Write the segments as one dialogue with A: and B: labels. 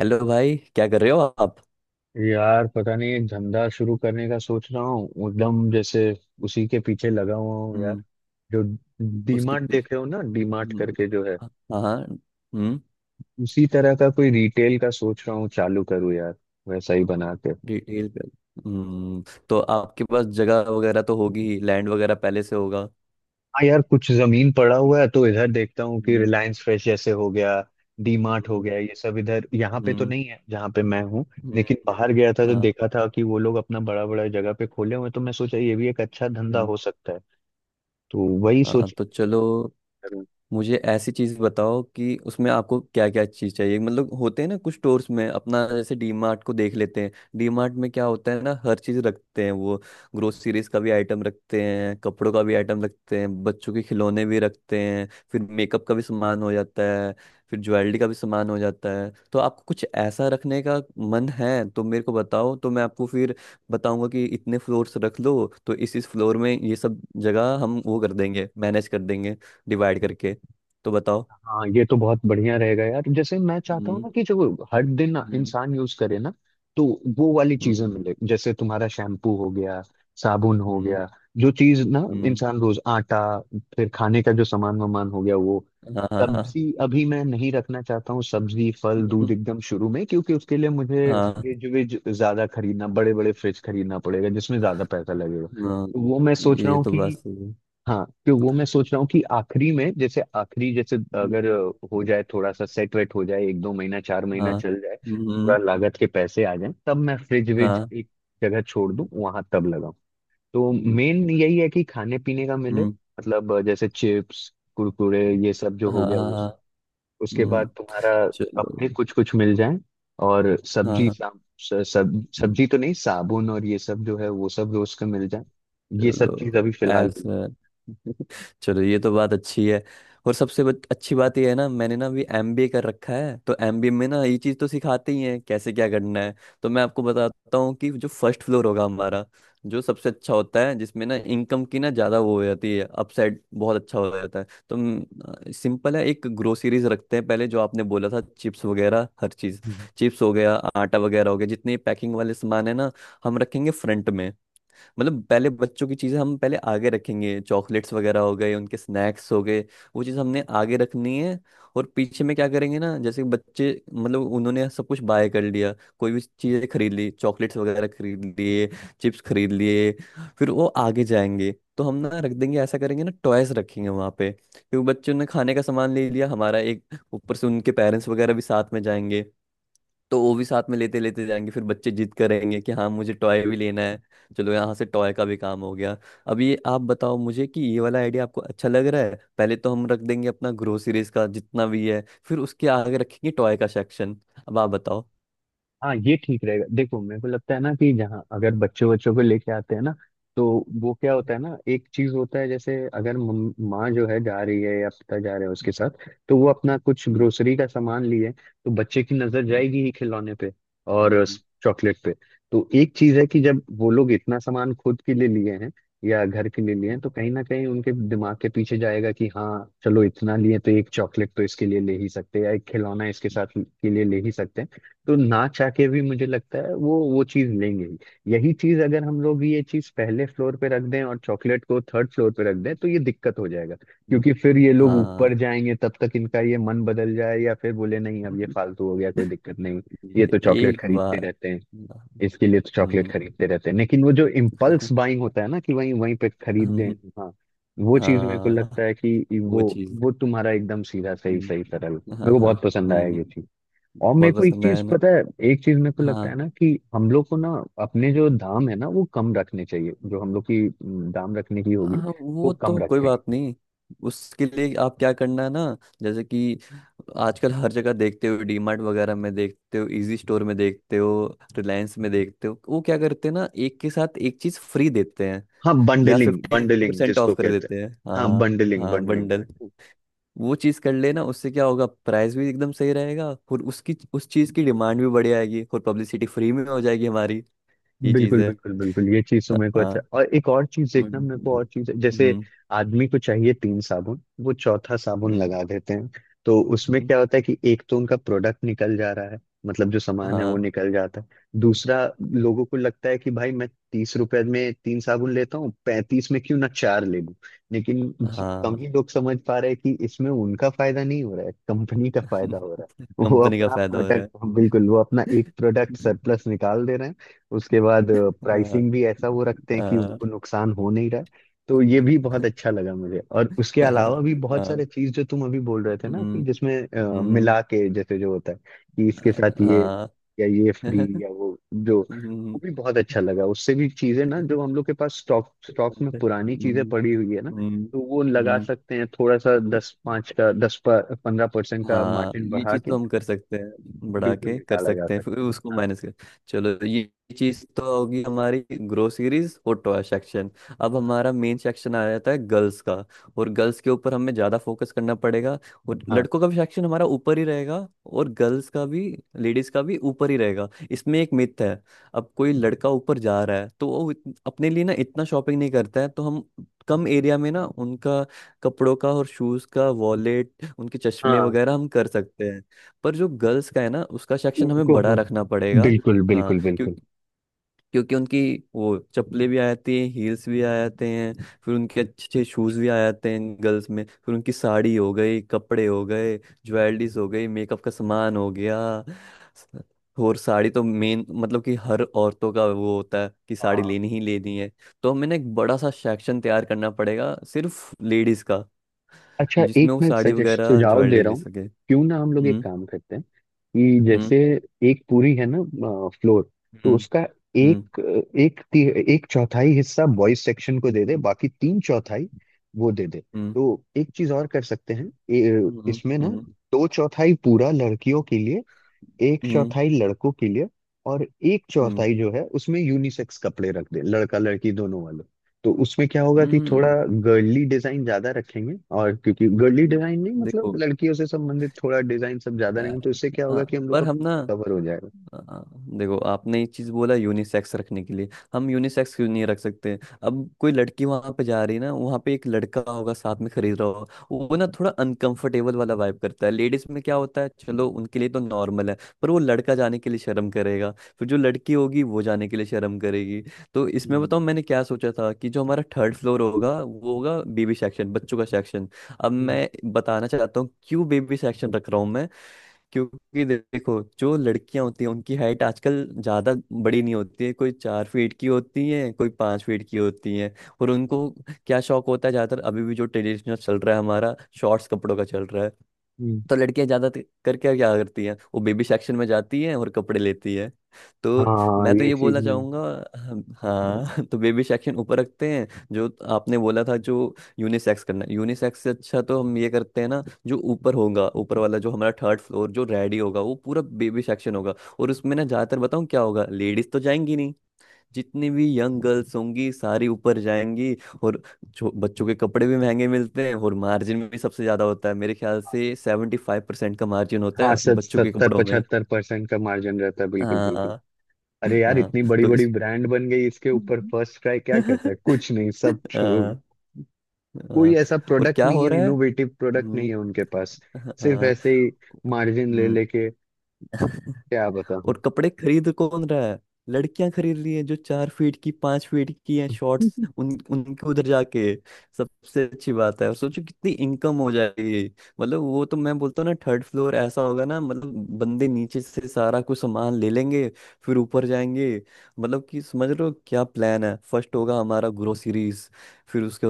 A: Hello भाई, क्या कर रहे हो आप?
B: यार पता नहीं, एक धंधा शुरू करने का सोच रहा हूँ, एकदम जैसे उसी के पीछे लगा हुआ हूँ यार।
A: हम्म।
B: जो
A: उसके
B: डीमार्ट देखे
A: पीछे।
B: हो ना, डीमार्ट
A: हम्म।
B: करके जो है,
A: हाँ। हाँ। हम्म।
B: उसी तरह का कोई रिटेल का सोच रहा हूँ चालू करूँ यार, वैसा ही बना के।
A: डिटेल कर। हम्म। तो आपके पास जगह वगैरह तो होगी, लैंड वगैरह पहले से होगा।
B: हाँ यार, कुछ जमीन पड़ा हुआ है तो इधर देखता हूँ कि
A: हम्म।
B: रिलायंस फ्रेश जैसे हो गया, डीमार्ट हो
A: हम्म।
B: गया, ये सब इधर यहाँ पे तो
A: हम्म।
B: नहीं है जहाँ पे मैं हूँ। लेकिन
A: हम्म,
B: बाहर गया था तो
A: हाँ।
B: देखा था कि वो लोग अपना बड़ा बड़ा जगह पे खोले हुए हैं, तो मैं सोचा ये भी एक अच्छा धंधा
A: हम्म।
B: हो सकता है। तो वही
A: हाँ
B: सोच।
A: तो चलो, मुझे ऐसी चीज बताओ कि उसमें आपको क्या क्या चीज चाहिए। मतलब होते हैं ना कुछ स्टोर्स में अपना, जैसे डीमार्ट को देख लेते हैं। डीमार्ट में क्या होता है ना, हर चीज रखते हैं वो। ग्रोसरीज का भी आइटम रखते हैं, कपड़ों का भी आइटम रखते हैं, बच्चों के खिलौने भी रखते हैं, फिर मेकअप का भी सामान हो जाता है, फिर ज्वेलरी का भी सामान हो जाता है। तो आपको कुछ ऐसा रखने का मन है तो मेरे को बताओ, तो मैं आपको फिर बताऊंगा कि इतने फ्लोर्स रख लो। तो इस फ्लोर में ये सब जगह हम वो कर देंगे, मैनेज कर देंगे, डिवाइड करके। तो बताओ।
B: हाँ ये तो बहुत बढ़िया रहेगा यार। जैसे मैं चाहता हूँ
A: हम्म।
B: ना कि जो हर दिन
A: हम्म।
B: इंसान यूज करे ना, तो वो वाली चीजें
A: हम्म।
B: मिले। जैसे तुम्हारा शैम्पू हो गया, साबुन हो
A: हम्म।
B: गया, जो चीज ना
A: हम्म,
B: इंसान रोज, आटा, फिर खाने का जो सामान वामान हो गया वो।
A: हाँ हाँ हाँ।
B: सब्जी अभी मैं नहीं रखना चाहता हूँ, सब्जी फल दूध एकदम शुरू में, क्योंकि उसके लिए मुझे फ्रिज विज ज्यादा खरीदना, बड़े बड़े फ्रिज खरीदना पड़ेगा जिसमें ज्यादा पैसा लगेगा,
A: हम्म। हाँ
B: तो वो मैं
A: हाँ,
B: सोच रहा
A: ये
B: हूँ
A: तो बात
B: कि
A: सही है।
B: हाँ, तो वो मैं सोच रहा हूँ कि आखिरी में जैसे, आखिरी जैसे, अगर
A: हम्म,
B: हो जाए थोड़ा सा, सेट वेट हो जाए, 1-2 महीना 4 महीना
A: हाँ।
B: चल जाए, पूरा
A: हम्म,
B: लागत के पैसे आ जाए, तब मैं फ्रिज विज
A: हाँ।
B: एक जगह छोड़ दूँ वहां, तब लगाऊं। तो
A: हम्म,
B: मेन यही है कि खाने पीने का मिले, मतलब जैसे चिप्स कुरकुरे ये सब जो
A: हाँ
B: हो गया
A: हाँ
B: वो
A: हाँ।
B: सब। उसके बाद
A: हम्म।
B: तुम्हारा
A: चलो।
B: अपने कुछ कुछ मिल जाए, और सब्जी
A: हाँ
B: सब सब्जी तो नहीं, साबुन और ये सब जो है वो सब रोज का मिल जाए, ये सब चीज
A: चलो।
B: अभी फिलहाल के
A: ऐसा। चलो ये तो बात अच्छी है। और अच्छी बात ये है ना, मैंने ना अभी एमबीए कर रखा है, तो एमबीए में ना ये चीज़ तो सिखाते ही हैं कैसे क्या करना है। तो मैं आपको बताता हूँ कि जो फर्स्ट फ्लोर होगा हमारा, जो सबसे अच्छा होता है जिसमें ना इनकम की ना ज़्यादा वो हो जाती है, अपसाइड बहुत अच्छा हो जाता है। तो सिंपल है, एक ग्रोसरीज रखते हैं पहले, जो आपने बोला था चिप्स वगैरह हर चीज़,
B: लिए।
A: चिप्स हो गया, आटा वगैरह हो गया, जितने पैकिंग वाले सामान है ना, हम रखेंगे फ्रंट में। मतलब पहले बच्चों की चीज़ें हम पहले आगे रखेंगे, चॉकलेट्स वगैरह हो गए, उनके स्नैक्स हो गए, वो चीज़ हमने आगे रखनी है। और पीछे में क्या करेंगे ना, जैसे बच्चे मतलब उन्होंने सब कुछ बाय कर लिया, कोई भी चीज़ें खरीद ली, चॉकलेट्स वगैरह खरीद लिए, चिप्स खरीद लिए, फिर वो आगे जाएंगे, तो हम ना रख देंगे, ऐसा करेंगे ना, टॉयज रखेंगे वहाँ पे, क्योंकि बच्चों ने खाने का सामान ले लिया हमारा एक। ऊपर से उनके पेरेंट्स वगैरह भी साथ में जाएंगे, तो वो भी साथ में लेते लेते जाएंगे, फिर बच्चे जिद करेंगे कि हाँ मुझे टॉय भी लेना है। चलो यहाँ से टॉय का भी काम हो गया। अब ये आप बताओ मुझे कि ये वाला आइडिया आपको अच्छा लग रहा है। पहले तो हम रख देंगे अपना ग्रोसरीज का जितना भी है, फिर उसके आगे रखेंगे टॉय का सेक्शन। अब आप बताओ।
B: हाँ ये ठीक रहेगा। देखो मेरे को लगता है ना कि जहाँ, अगर बच्चों बच्चों को लेके आते हैं ना, तो वो क्या होता है ना, एक चीज होता है। जैसे अगर माँ जो है जा रही है या पिता जा रहे हैं उसके साथ, तो वो अपना कुछ
A: हम्म।
B: ग्रोसरी का सामान लिए, तो बच्चे की नजर
A: हम्म।
B: जाएगी ही खिलौने पे, और
A: हम्म।
B: चॉकलेट पे। तो एक चीज है कि जब वो लोग इतना सामान खुद के लिए लिए हैं, या घर के लिए लिए हैं, तो कहीं ना कहीं उनके दिमाग के पीछे जाएगा कि हाँ चलो, इतना लिए तो एक चॉकलेट तो इसके लिए ले ही सकते हैं, या एक खिलौना इसके साथ के लिए ले ही सकते हैं। तो ना चाह के भी मुझे लगता है वो चीज लेंगे ही। यही चीज अगर हम लोग ये चीज पहले फ्लोर पे रख दें और चॉकलेट को थर्ड फ्लोर पे रख दें,
A: हम्म।
B: तो ये दिक्कत हो जाएगा,
A: हम्म।
B: क्योंकि फिर ये लोग
A: हाँ।
B: ऊपर जाएंगे, तब तक इनका ये मन बदल जाए, या फिर बोले नहीं अब ये फालतू हो गया कोई दिक्कत नहीं, ये
A: ये
B: तो चॉकलेट
A: एक
B: खरीदते
A: बार।
B: रहते हैं। इसके लिए तो चॉकलेट
A: हम्म।
B: खरीदते रहते हैं, लेकिन वो जो इम्पल्स बाइंग होता है ना, कि वहीं वहीं पे खरीद दें।
A: हम्म,
B: हाँ, वो चीज मेरे को
A: हाँ।
B: लगता है कि
A: वो
B: वो
A: चीज।
B: वो तुम्हारा एकदम सीधा, सही सही सरल,
A: हम्म, हाँ
B: मेरे को
A: हाँ।
B: बहुत पसंद आया
A: हम्म,
B: ये चीज। और मेरे
A: बहुत
B: को एक
A: पसंद
B: चीज
A: आया ना।
B: पता है, एक चीज मेरे को
A: हाँ।
B: लगता है ना कि हम लोग को ना अपने जो दाम है ना वो कम रखने चाहिए, जो हम लोग की दाम रखने की होगी
A: हाँ
B: वो
A: वो
B: कम
A: तो कोई
B: रखें।
A: बात नहीं। उसके लिए आप क्या करना है ना, जैसे कि आजकल हर जगह देखते हो, डीमार्ट वगैरह में देखते हो, इजी स्टोर में देखते हो, रिलायंस में देखते हो, वो क्या करते हैं ना, एक के साथ एक चीज फ्री देते हैं
B: हाँ
A: या
B: बंडलिंग
A: फिफ्टी
B: बंडलिंग
A: परसेंट
B: जिसको
A: ऑफ कर
B: कहते हैं,
A: देते हैं।
B: हाँ
A: हाँ।
B: बंडलिंग
A: हाँ बंडल।
B: बंडलिंग।
A: वो चीज कर लेना, उससे क्या होगा, प्राइस भी एकदम सही रहेगा, और उसकी उस चीज की डिमांड भी बढ़ आएगी और पब्लिसिटी फ्री में हो जाएगी हमारी। ये चीज
B: बिल्कुल
A: है।
B: बिल्कुल बिल्कुल, ये चीज तो मेरे को अच्छा,
A: हाँ।
B: और एक और चीज देखना, मेरे को
A: हम्म।
B: और चीज है, जैसे
A: हम्म।
B: आदमी को चाहिए तीन साबुन, वो चौथा साबुन लगा देते हैं। तो उसमें
A: हम्म,
B: क्या होता है कि एक तो उनका प्रोडक्ट निकल जा रहा है, मतलब जो सामान है वो
A: हाँ
B: निकल जाता है। दूसरा, लोगों को लगता है कि भाई मैं 30 रुपए में तीन साबुन लेता हूँ, 35 में क्यों ना चार ले लूं। लेकिन बहुत कम
A: हाँ।
B: ही लोग समझ पा रहे हैं कि इसमें उनका फायदा नहीं हो रहा है, कंपनी का फायदा हो रहा है। वो
A: कंपनी का
B: अपना
A: फायदा हो रहा है।
B: प्रोडक्ट बिल्कुल, वो अपना एक प्रोडक्ट सरप्लस निकाल दे रहे हैं। उसके बाद
A: हाँ।
B: प्राइसिंग भी ऐसा वो रखते हैं कि
A: हाँ।
B: उनको नुकसान हो नहीं रहा है। तो ये भी बहुत अच्छा लगा मुझे, और उसके
A: हाँ
B: अलावा भी बहुत सारे
A: हाँ।
B: चीज जो तुम अभी बोल रहे थे ना, कि
A: हम्म।
B: जिसमें
A: हम्म,
B: मिला के जैसे जो होता है, कि इसके साथ ये,
A: हाँ।
B: या ये फ्री, या वो, जो वो
A: हम्म।
B: भी बहुत अच्छा लगा। उससे भी चीजें ना जो हम लोग के पास स्टॉक स्टॉक में पुरानी चीजें
A: हम्म।
B: पड़ी हुई है ना,
A: हम्म।
B: तो वो लगा
A: हम्म,
B: सकते हैं थोड़ा सा, दस पाँच का, 10-15% का
A: हाँ।
B: मार्जिन
A: ये
B: बढ़ा
A: चीज
B: के,
A: तो हम कर सकते हैं, बढ़ा
B: बिल्कुल
A: के कर
B: निकाला जा
A: सकते हैं, फिर उसको
B: सकता है।
A: माइनस कर। चलो, ये चीज तो होगी हमारी ग्रोसरीज और टॉय सेक्शन। अब हमारा मेन सेक्शन आ जाता है गर्ल्स का, और गर्ल्स के ऊपर हमें ज्यादा फोकस करना पड़ेगा। और
B: हाँ
A: लड़कों का भी सेक्शन हमारा ऊपर ही रहेगा और गर्ल्स का भी, लेडीज का भी ऊपर ही रहेगा। इसमें एक मिथ है, अब कोई लड़का ऊपर जा रहा है तो वो अपने लिए ना इतना शॉपिंग नहीं करता है, तो हम कम एरिया में ना उनका कपड़ों का और शूज का, वॉलेट, उनके
B: हाँ
A: चश्मे
B: हाँ,
A: वगैरह हम कर सकते हैं। पर जो गर्ल्स का है ना, उसका सेक्शन हमें
B: उनको
A: बड़ा
B: हाँ।
A: रखना पड़ेगा।
B: बिल्कुल
A: हाँ।
B: बिल्कुल
A: क्यों?
B: बिल्कुल।
A: क्योंकि उनकी वो चप्पलें भी आ जाती हैं, हील्स भी आ जाते हैं, फिर उनके अच्छे अच्छे शूज़ भी आ जाते हैं गर्ल्स में, फिर उनकी साड़ी हो गई, कपड़े हो गए, ज्वेलरीज हो गई, मेकअप का सामान हो गया। स- और साड़ी तो मेन, मतलब कि हर औरतों का वो होता है कि साड़ी
B: हाँ,
A: लेनी ही लेनी है। तो हमें ना एक बड़ा सा सेक्शन तैयार करना पड़ेगा सिर्फ लेडीज़ का,
B: अच्छा एक
A: जिसमें वो
B: मैं
A: साड़ी
B: सजेस्ट
A: वगैरह
B: सुझाव दे
A: ज्वेलरी
B: रहा
A: ले
B: हूँ,
A: सके।
B: क्यों ना हम लोग एक
A: हम्म।
B: काम करते हैं, कि
A: हम्म।
B: जैसे एक पूरी है ना फ्लोर, तो
A: हम्म।
B: उसका
A: हम्म।
B: एक एक ती, एक चौथाई हिस्सा बॉयज सेक्शन को दे दे, बाकी तीन चौथाई वो दे दे।
A: हम्म।
B: तो एक चीज और कर सकते हैं,
A: हम्म।
B: इसमें ना
A: हम्म।
B: दो चौथाई पूरा लड़कियों के लिए, एक
A: हम्म।
B: चौथाई लड़कों के लिए, और एक
A: हम्म।
B: चौथाई जो है उसमें यूनिसेक्स कपड़े रख दें, लड़का लड़की दोनों वाले। तो उसमें क्या होगा कि थोड़ा
A: हम्म।
B: गर्ली डिजाइन ज्यादा रखेंगे, और क्योंकि गर्ली डिजाइन नहीं मतलब
A: देखो,
B: लड़कियों से संबंधित थोड़ा डिजाइन सब ज्यादा
A: अ,
B: रहेंगे, तो इससे क्या
A: हाँ,
B: होगा कि हम लोग
A: पर
B: का
A: हम ना,
B: कवर हो जाएगा।
A: हाँ, देखो, आपने ये चीज बोला यूनिसेक्स रखने के लिए, हम यूनिसेक्स क्यों नहीं रख सकते। अब कोई लड़की वहां पे जा रही है ना, वहां पे एक लड़का होगा साथ में खरीद रहा होगा, वो ना थोड़ा अनकंफर्टेबल वाला वाइब करता है। लेडीज में क्या होता है, चलो उनके लिए तो नॉर्मल है, पर वो लड़का जाने के लिए शर्म करेगा, फिर जो लड़की होगी वो जाने के लिए शर्म करेगी। तो इसमें बताऊँ,
B: हम्म
A: मैंने क्या सोचा था कि जो हमारा थर्ड फ्लोर होगा, वो होगा बेबी सेक्शन, बच्चों का सेक्शन। अब
B: हम्म
A: मैं बताना चाहता हूँ क्यों बेबी सेक्शन रख रहा हूँ मैं। क्योंकि देखो, जो लड़कियां होती हैं उनकी हाइट आजकल ज्यादा बड़ी नहीं होती है, कोई 4 फीट की होती है, कोई 5 फीट की होती है। और
B: हम्म,
A: उनको क्या शौक होता है ज्यादातर, अभी भी जो ट्रेडिशनल चल रहा है हमारा, शॉर्ट्स कपड़ों का चल रहा है।
B: हम्म।
A: तो लड़कियां ज्यादा करके क्या करती हैं, वो बेबी सेक्शन में जाती हैं और कपड़े लेती हैं। तो
B: हाँ
A: मैं तो
B: ये
A: ये
B: चीज
A: बोलना
B: में।
A: चाहूंगा। हाँ। तो बेबी सेक्शन ऊपर रखते हैं। जो आपने बोला था, जो यूनिसेक्स करना, यूनिसेक्स से अच्छा तो हम ये करते हैं ना, जो ऊपर होगा, ऊपर वाला जो हमारा थर्ड फ्लोर जो रेडी होगा, वो पूरा बेबी सेक्शन होगा। और उसमें ना ज्यादातर बताऊँ क्या होगा, लेडीज तो जाएंगी नहीं, जितनी भी यंग गर्ल्स होंगी सारी ऊपर जाएंगी। और बच्चों के कपड़े भी महंगे मिलते हैं और मार्जिन भी सबसे ज्यादा होता है, मेरे ख्याल से 75% का मार्जिन होता
B: हाँ
A: है
B: सत
A: बच्चों के
B: सत्तर
A: कपड़ों में।
B: पचहत्तर परसेंट का मार्जिन रहता है, बिल्कुल बिल्कुल।
A: हाँ।
B: अरे यार
A: हाँ
B: इतनी बड़ी
A: तो
B: बड़ी
A: इस,
B: ब्रांड बन गई, इसके ऊपर फर्स्ट ट्राई क्या करता है, कुछ नहीं, सब
A: हाँ।
B: कोई
A: हाँ,
B: ऐसा
A: और
B: प्रोडक्ट
A: क्या
B: नहीं
A: हो
B: है,
A: रहा है।
B: इनोवेटिव प्रोडक्ट नहीं
A: हम्म,
B: है उनके पास,
A: हाँ
B: सिर्फ
A: हाँ।
B: ऐसे ही मार्जिन ले
A: हम्म।
B: लेके क्या बताऊं।
A: और कपड़े खरीद कौन रहा है, लड़कियां खरीद रही हैं जो 4 फीट की 5 फीट की हैं, शॉर्ट्स उन उनके उधर जाके। सबसे अच्छी बात है, और सोचो कितनी इनकम हो जाएगी। मतलब वो तो मैं बोलता हूँ ना, थर्ड फ्लोर ऐसा होगा ना, मतलब बंदे नीचे से सारा कुछ सामान ले लेंगे फिर ऊपर जाएंगे। मतलब कि समझ रहे हो क्या प्लान है, फर्स्ट होगा हमारा ग्रोसरीज, फिर उसके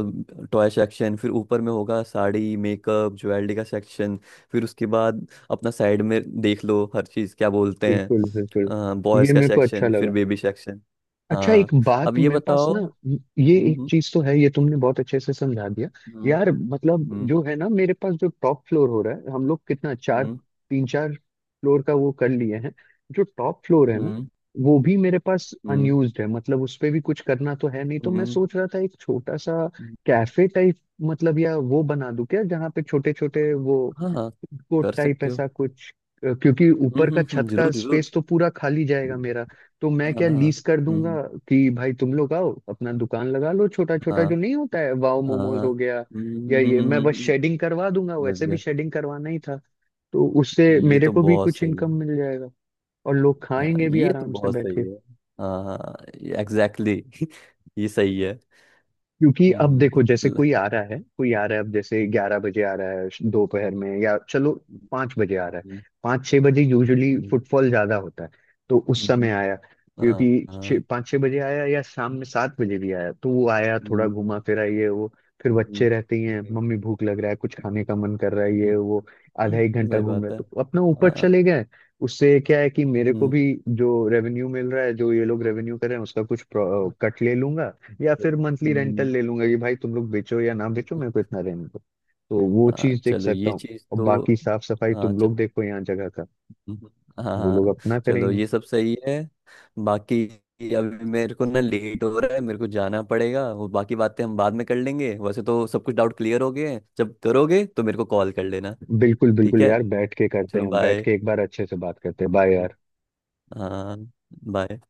A: टॉय सेक्शन, फिर ऊपर में होगा साड़ी मेकअप ज्वेलरी का सेक्शन, फिर उसके बाद अपना साइड में देख लो हर चीज क्या बोलते
B: बिल्कुल बिल्कुल,
A: हैं,
B: ये
A: बॉयज का
B: मेरे को अच्छा
A: सेक्शन, फिर
B: लगा।
A: Baby section.
B: अच्छा एक
A: हाँ, अब
B: बात
A: ये
B: मेरे पास
A: बताओ।
B: ना, ये एक
A: हम्म।
B: चीज तो है, ये तुमने बहुत अच्छे से समझा दिया।
A: हम्म।
B: यार मतलब
A: हम्म।
B: जो है ना, मेरे पास जो टॉप फ्लोर हो रहा है, हम लोग कितना, चार
A: हम्म।
B: तीन चार फ्लोर का वो कर लिए हैं, जो टॉप फ्लोर है ना
A: हम्म।
B: वो भी मेरे पास
A: हम्म।
B: अनयूज्ड है, मतलब उस पे भी कुछ करना तो है नहीं, तो मैं
A: हम्म।
B: सोच रहा था एक छोटा सा
A: हम्म। हम्म।
B: कैफे टाइप, मतलब या वो बना दूं क्या, जहाँ पे छोटे छोटे वो
A: हाँ। हाँ
B: कोट
A: कर
B: टाइप
A: सकते हो।
B: ऐसा कुछ, क्योंकि
A: हम्म।
B: ऊपर का
A: हम्म।
B: छत का
A: जरूर जरूर।
B: स्पेस तो पूरा खाली जाएगा मेरा, तो मैं
A: हाँ
B: क्या
A: हाँ।
B: लीज कर दूंगा,
A: हम्म।
B: कि भाई तुम लोग आओ अपना दुकान लगा लो, छोटा छोटा
A: हाँ
B: जो नहीं होता है, वाओ
A: हाँ
B: मोमोज
A: हाँ।
B: हो गया,
A: हम्म।
B: या
A: हम्म। हम्म।
B: ये
A: हम्म।
B: मैं बस
A: हम्म। हम्म।
B: शेडिंग करवा दूंगा,
A: समझ
B: वैसे भी
A: गया।
B: शेडिंग करवाना ही था। तो उससे
A: ये
B: मेरे
A: तो
B: को भी
A: बहुत
B: कुछ
A: सही है।
B: इनकम मिल जाएगा, और लोग
A: हाँ
B: खाएंगे भी
A: ये तो
B: आराम से
A: बहुत
B: बैठ के।
A: सही है। हाँ हाँ, एग्जैक्टली। ये सही है।
B: क्योंकि अब
A: हम्म,
B: देखो जैसे
A: ल-
B: कोई आ रहा है, कोई आ रहा है, अब जैसे 11 बजे आ रहा है दोपहर में, या चलो 5 बजे आ रहा है,
A: हम्म।
B: 5-6 बजे यूजुअली
A: हम्म।
B: फुटफॉल ज्यादा होता है, तो उस
A: हम्म।
B: समय आया।
A: हम्म। हाँ
B: क्योंकि छः
A: हाँ।
B: 5-6 बजे आया या शाम में 7 बजे भी आया, तो वो आया थोड़ा
A: हम्म।
B: घुमा फिरा ये वो, फिर
A: हम्म।
B: बच्चे रहते ही हैं,
A: हम्म।
B: मम्मी भूख लग रहा है, कुछ
A: हम्म।
B: खाने का मन कर रहा है,
A: हम्म।
B: ये वो आधा एक घंटा
A: सही
B: घूम रहा
A: बात
B: है,
A: है।
B: तो अपना ऊपर
A: हाँ,
B: चले गए। उससे क्या है कि मेरे को
A: हम्म।
B: भी जो रेवेन्यू मिल रहा है, जो ये लोग
A: हम्म।
B: रेवेन्यू कर रहे हैं, उसका कुछ कट ले लूंगा, या फिर
A: हम्म।
B: मंथली रेंटल
A: हम्म।
B: ले लूंगा कि भाई तुम लोग बेचो या ना बेचो मेरे को इतना रेंट दो। तो वो
A: हाँ,
B: चीज देख
A: चलो
B: सकता
A: ये
B: हूँ,
A: चीज
B: और
A: तो,
B: बाकी साफ सफाई
A: हाँ
B: तुम लोग
A: चलो,
B: देखो यहाँ जगह का,
A: हाँ
B: वो लोग
A: हाँ,
B: अपना
A: चलो
B: करेंगे।
A: ये सब सही है। बाकी अभी मेरे को ना लेट हो रहा है, मेरे को जाना पड़ेगा, वो बाकी बातें हम बाद में कर लेंगे, वैसे तो सब कुछ डाउट क्लियर हो गए हैं, जब करोगे तो मेरे को कॉल कर लेना।
B: बिल्कुल
A: ठीक
B: बिल्कुल
A: है,
B: यार, बैठ के करते
A: चलो
B: हैं, बैठ
A: बाय।
B: के एक बार अच्छे से बात करते हैं, बाय यार।
A: हाँ। बाय।